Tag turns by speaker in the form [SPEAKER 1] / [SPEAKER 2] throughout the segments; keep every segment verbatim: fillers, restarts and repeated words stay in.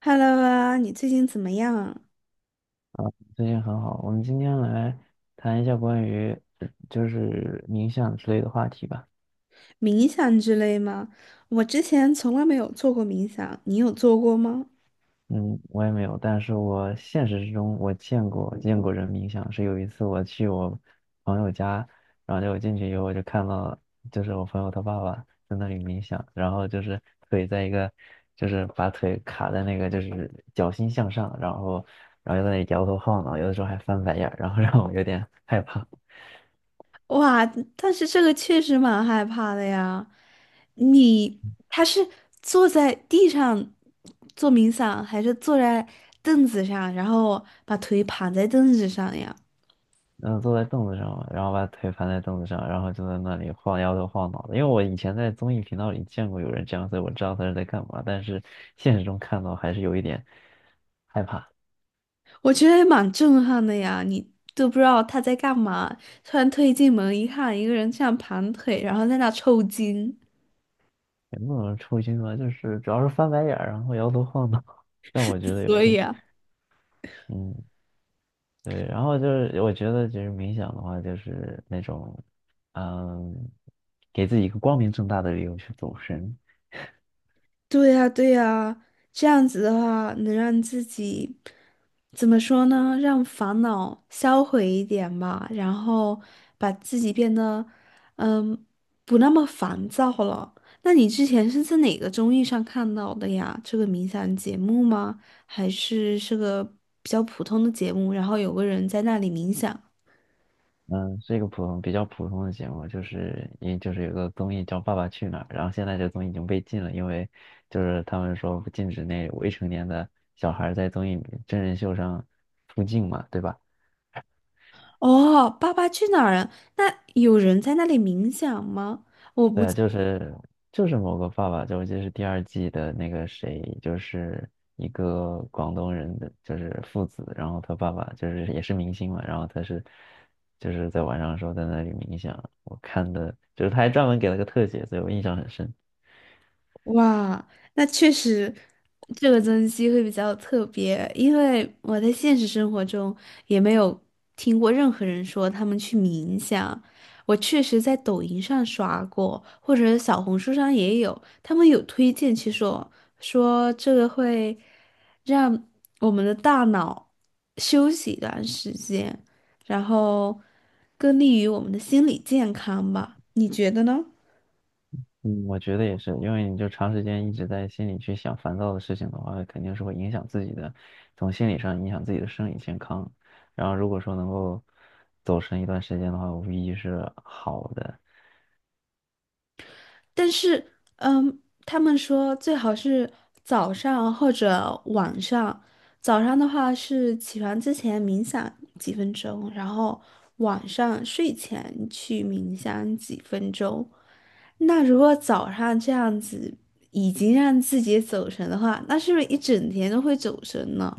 [SPEAKER 1] Hello 啊，你最近怎么样？
[SPEAKER 2] 最近很好，我们今天来谈一下关于呃就是冥想之类的话题吧。
[SPEAKER 1] 冥想之类吗？我之前从来没有做过冥想，你有做过吗？
[SPEAKER 2] 嗯，我也没有，但是我现实之中我见过见过人冥想，是有一次我去我朋友家，然后就我进去以后我就看到，就是我朋友他爸爸在那里冥想，然后就是腿在一个，就是把腿卡在那个就是脚心向上，然后然后就在那里摇头晃脑，有的时候还翻白眼儿，然后让我有点害怕。
[SPEAKER 1] 哇，但是这个确实蛮害怕的呀。你他是坐在地上做冥想，还是坐在凳子上，然后把腿盘在凳子上呀？
[SPEAKER 2] 嗯，坐在凳子上，然后把腿盘在凳子上，然后就在那里晃摇头晃脑的。因为我以前在综艺频道里见过有人这样，所以我知道他是在干嘛。但是现实中看到还是有一点害怕，
[SPEAKER 1] 我觉得也蛮震撼的呀，你都不知道他在干嘛，突然推进门一看，一个人这样盘腿，然后在那抽筋，
[SPEAKER 2] 也不能说抽筋吧，就是主要是翻白眼儿，然后摇头晃脑，让我觉得有
[SPEAKER 1] 所以
[SPEAKER 2] 点
[SPEAKER 1] 啊。
[SPEAKER 2] 嗯对。然后就是我觉得就是冥想的话，就是那种嗯给自己一个光明正大的理由去走神，
[SPEAKER 1] 对呀，对呀，这样子的话，能让自己怎么说呢？让烦恼销毁一点吧，然后把自己变得，嗯，不那么烦躁了。那你之前是在哪个综艺上看到的呀？这个冥想节目吗？还是是个比较普通的节目？然后有个人在那里冥想。
[SPEAKER 2] 嗯，是一个普通、比较普通的节目，就是因就是有个综艺叫《爸爸去哪儿》，然后现在这个综艺已经被禁了，因为就是他们说不禁止那未成年的小孩儿在综艺真人秀上出镜嘛，对吧？
[SPEAKER 1] 哦，《爸爸去哪儿》啊？那有人在那里冥想吗？我不。
[SPEAKER 2] 对啊，就是就是某个爸爸，就我记得是第二季的那个谁，就是一个广东人的，就是父子，然后他爸爸就是也是明星嘛，然后他是就是在晚上的时候在那里冥想，我看的就是他还专门给了个特写，所以我印象很深。
[SPEAKER 1] 哇，那确实，这个增肌会比较特别，因为我在现实生活中也没有听过任何人说他们去冥想。我确实在抖音上刷过，或者小红书上也有，他们有推荐去说说这个会让我们的大脑休息一段时间，然后更利于我们的心理健康吧？你觉得呢？
[SPEAKER 2] 嗯，我觉得也是，因为你就长时间一直在心里去想烦躁的事情的话，肯定是会影响自己的，从心理上影响自己的生理健康。然后如果说能够走神一段时间的话，无疑是好的。
[SPEAKER 1] 但是，嗯，他们说最好是早上或者晚上。早上的话是起床之前冥想几分钟，然后晚上睡前去冥想几分钟。那如果早上这样子已经让自己走神的话，那是不是一整天都会走神呢？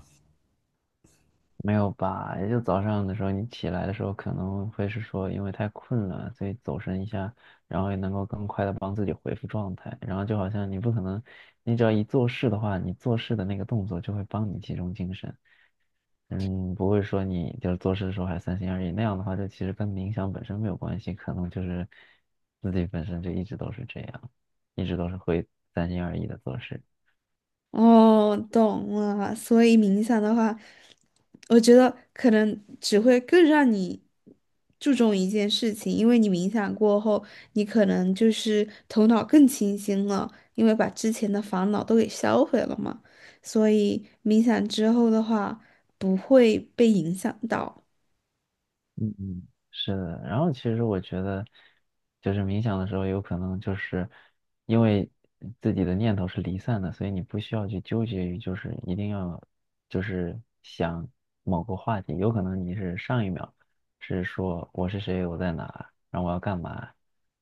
[SPEAKER 2] 没有吧？也就早上的时候，你起来的时候可能会是说因为太困了，所以走神一下，然后也能够更快的帮自己恢复状态。然后就好像你不可能，你只要一做事的话，你做事的那个动作就会帮你集中精神。嗯，不会说你就是做事的时候还三心二意，那样的话，就其实跟冥想本身没有关系，可能就是自己本身就一直都是这样，一直都是会三心二意的做事。
[SPEAKER 1] 哦，懂了。所以冥想的话，我觉得可能只会更让你注重一件事情，因为你冥想过后，你可能就是头脑更清醒了，因为把之前的烦恼都给销毁了嘛。所以冥想之后的话，不会被影响到。
[SPEAKER 2] 嗯嗯，是的。然后其实我觉得，就是冥想的时候，有可能就是因为自己的念头是离散的，所以你不需要去纠结于就是一定要就是想某个话题。有可能你是上一秒是说我是谁，我在哪，然后我要干嘛，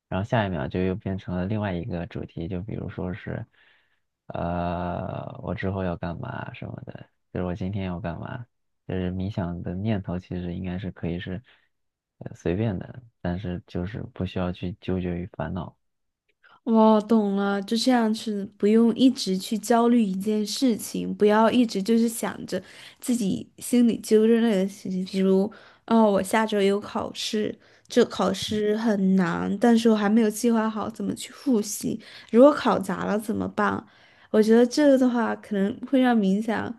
[SPEAKER 2] 然后下一秒就又变成了另外一个主题，就比如说是呃我之后要干嘛什么的，就是我今天要干嘛。就是冥想的念头其实应该是可以是呃随便的，但是就是不需要去纠结于烦恼。
[SPEAKER 1] 我懂了，就这样是不用一直去焦虑一件事情，不要一直就是想着自己心里揪着那个事情，比如，哦，我下周有考试，这考试很难，但是我还没有计划好怎么去复习，如果考砸了怎么办？我觉得这个的话，可能会让冥想，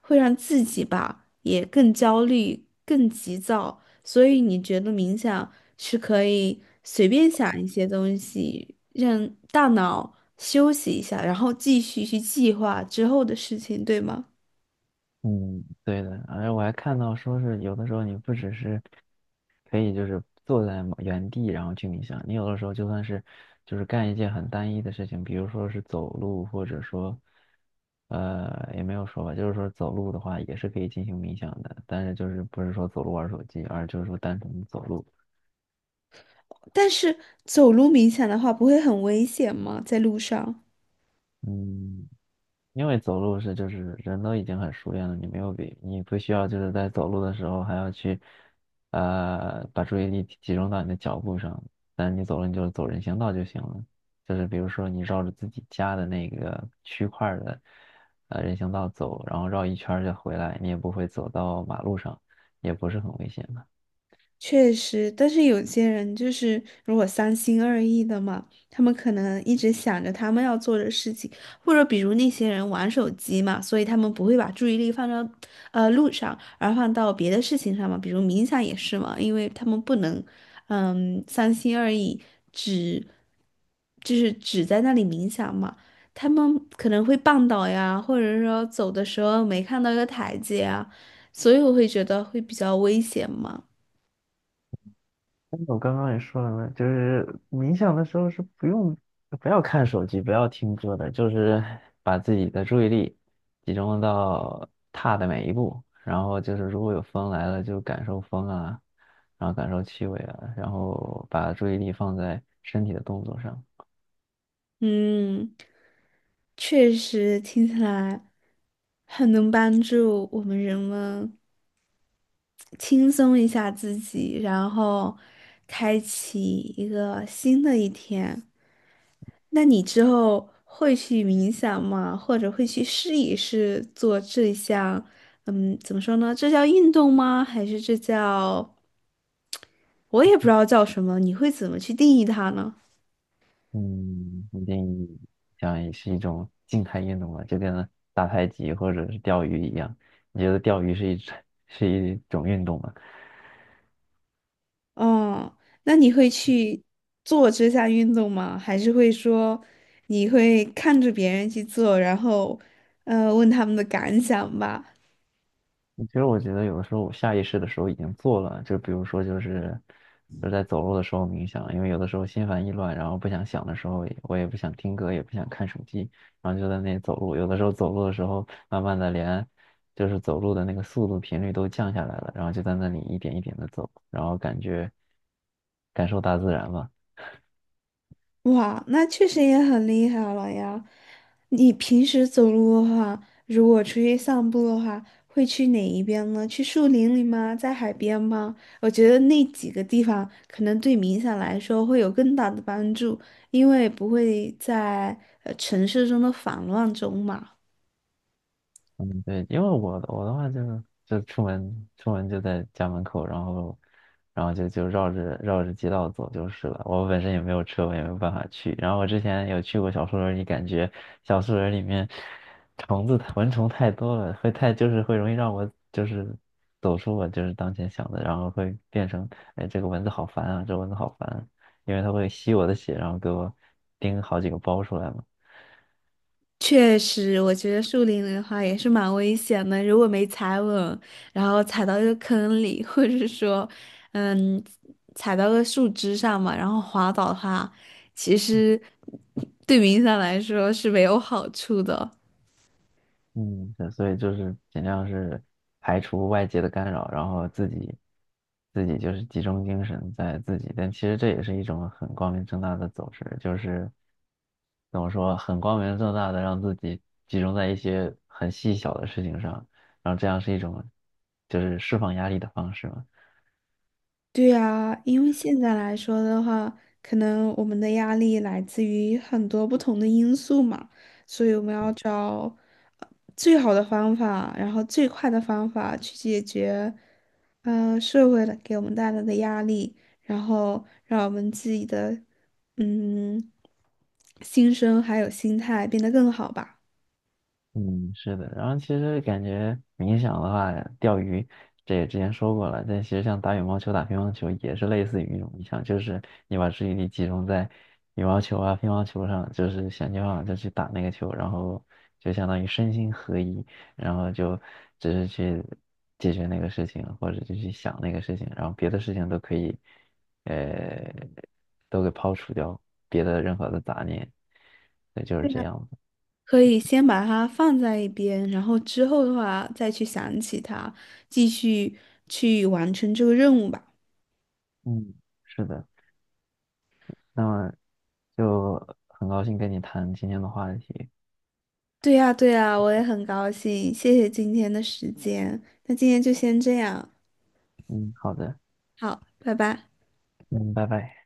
[SPEAKER 1] 会让自己吧也更焦虑、更急躁。所以你觉得冥想是可以随便想一些东西，让大脑休息一下，然后继续去计划之后的事情，对吗？
[SPEAKER 2] 嗯，对的，而且我还看到说是有的时候你不只是可以就是坐在某原地然后去冥想，你有的时候就算是就是干一件很单一的事情，比如说是走路，或者说呃也没有说吧，就是说走路的话也是可以进行冥想的，但是就是不是说走路玩手机，而就是说单纯的走路。
[SPEAKER 1] 但是走路冥想的话，不会很危险吗？在路上？
[SPEAKER 2] 嗯，因为走路是就是人都已经很熟练了，你没有比你不需要就是在走路的时候还要去，呃，把注意力集集中到你的脚步上。但是你走了，你就走人行道就行了，就是比如说你绕着自己家的那个区块儿的，呃，人行道走，然后绕一圈儿就回来，你也不会走到马路上，也不是很危险的。
[SPEAKER 1] 确实，但是有些人就是如果三心二意的嘛，他们可能一直想着他们要做的事情，或者比如那些人玩手机嘛，所以他们不会把注意力放到呃路上，而放到别的事情上嘛，比如冥想也是嘛，因为他们不能嗯三心二意，只就是只在那里冥想嘛，他们可能会绊倒呀，或者说走的时候没看到一个台阶啊，所以我会觉得会比较危险嘛。
[SPEAKER 2] 我刚刚也说了嘛，就是冥想的时候是不用，不要看手机，不要听歌的，就是把自己的注意力集中到踏的每一步，然后就是如果有风来了，就感受风啊，然后感受气味啊，然后把注意力放在身体的动作上。
[SPEAKER 1] 嗯，确实听起来很能帮助我们人们轻松一下自己，然后开启一个新的一天。那你之后会去冥想吗？或者会去试一试做这项，嗯，怎么说呢？这叫运动吗？还是这叫，我也不知道叫什么，你会怎么去定义它呢？
[SPEAKER 2] 嗯，一定想也是一种静态运动吧，就跟打太极或者是钓鱼一样。你觉得钓鱼是一 是一种运动吗？
[SPEAKER 1] 哦，那你会去做这项运动吗？还是会说你会看着别人去做，然后呃问他们的感想吧？
[SPEAKER 2] 其实我觉得有的时候我下意识的时候已经做了，就比如说就是就是在走路的时候冥想，因为有的时候心烦意乱，然后不想想的时候，我也不想听歌，也不想看手机，然后就在那里走路。有的时候走路的时候，慢慢的连就是走路的那个速度频率都降下来了，然后就在那里一点一点的走，然后感觉感受大自然吧。
[SPEAKER 1] 哇，那确实也很厉害了呀！你平时走路的话，如果出去散步的话，会去哪一边呢？去树林里吗？在海边吗？我觉得那几个地方可能对冥想来说会有更大的帮助，因为不会在呃城市中的烦乱中嘛。
[SPEAKER 2] 嗯，对，因为我我的话就是就出门出门就在家门口，然后然后就就绕着绕着街道走就是了。我本身也没有车，我也没有办法去。然后我之前有去过小树林里，感觉小树林里面虫子蚊虫太多了，会太就是会容易让我就是走出我就是当前想的，然后会变成哎这个蚊子好烦啊，这蚊子好烦啊因为它会吸我的血，然后给我叮好几个包出来嘛。
[SPEAKER 1] 确实，我觉得树林里的话也是蛮危险的。如果没踩稳，然后踩到一个坑里，或者是说，嗯，踩到个树枝上嘛，然后滑倒的话，其实对于影响来说是没有好处的。
[SPEAKER 2] 嗯，对所以就是尽量是排除外界的干扰，然后自己自己就是集中精神在自己，但其实这也是一种很光明正大的走势，就是怎么说，很光明正大的让自己集中在一些很细小的事情上，然后这样是一种就是释放压力的方式嘛。
[SPEAKER 1] 对呀，因为现在来说的话，可能我们的压力来自于很多不同的因素嘛，所以我们要找呃最好的方法，然后最快的方法去解决，呃，社会的给我们带来的压力，然后让我们自己的，嗯，心声还有心态变得更好吧。
[SPEAKER 2] 嗯，是的，然后其实感觉冥想的话，钓鱼这也之前说过了，但其实像打羽毛球、打乒乓球也是类似于一种冥想，就是你把注意力集中在羽毛球啊、乒乓球上，就是想尽办法就去打那个球，然后就相当于身心合一，然后就只是去解决那个事情，或者就去想那个事情，然后别的事情都可以，呃，都给抛除掉，别的任何的杂念，对，就是
[SPEAKER 1] 对
[SPEAKER 2] 这
[SPEAKER 1] 呀，
[SPEAKER 2] 样的。
[SPEAKER 1] 可以先把它放在一边，然后之后的话再去想起它，继续去完成这个任务吧。
[SPEAKER 2] 嗯，是的。那么就很高兴跟你谈今天的话题。
[SPEAKER 1] 对呀，对呀，我也很高兴，谢谢今天的时间。那今天就先这样，
[SPEAKER 2] 嗯，好的，
[SPEAKER 1] 好，拜拜。
[SPEAKER 2] 嗯，拜拜。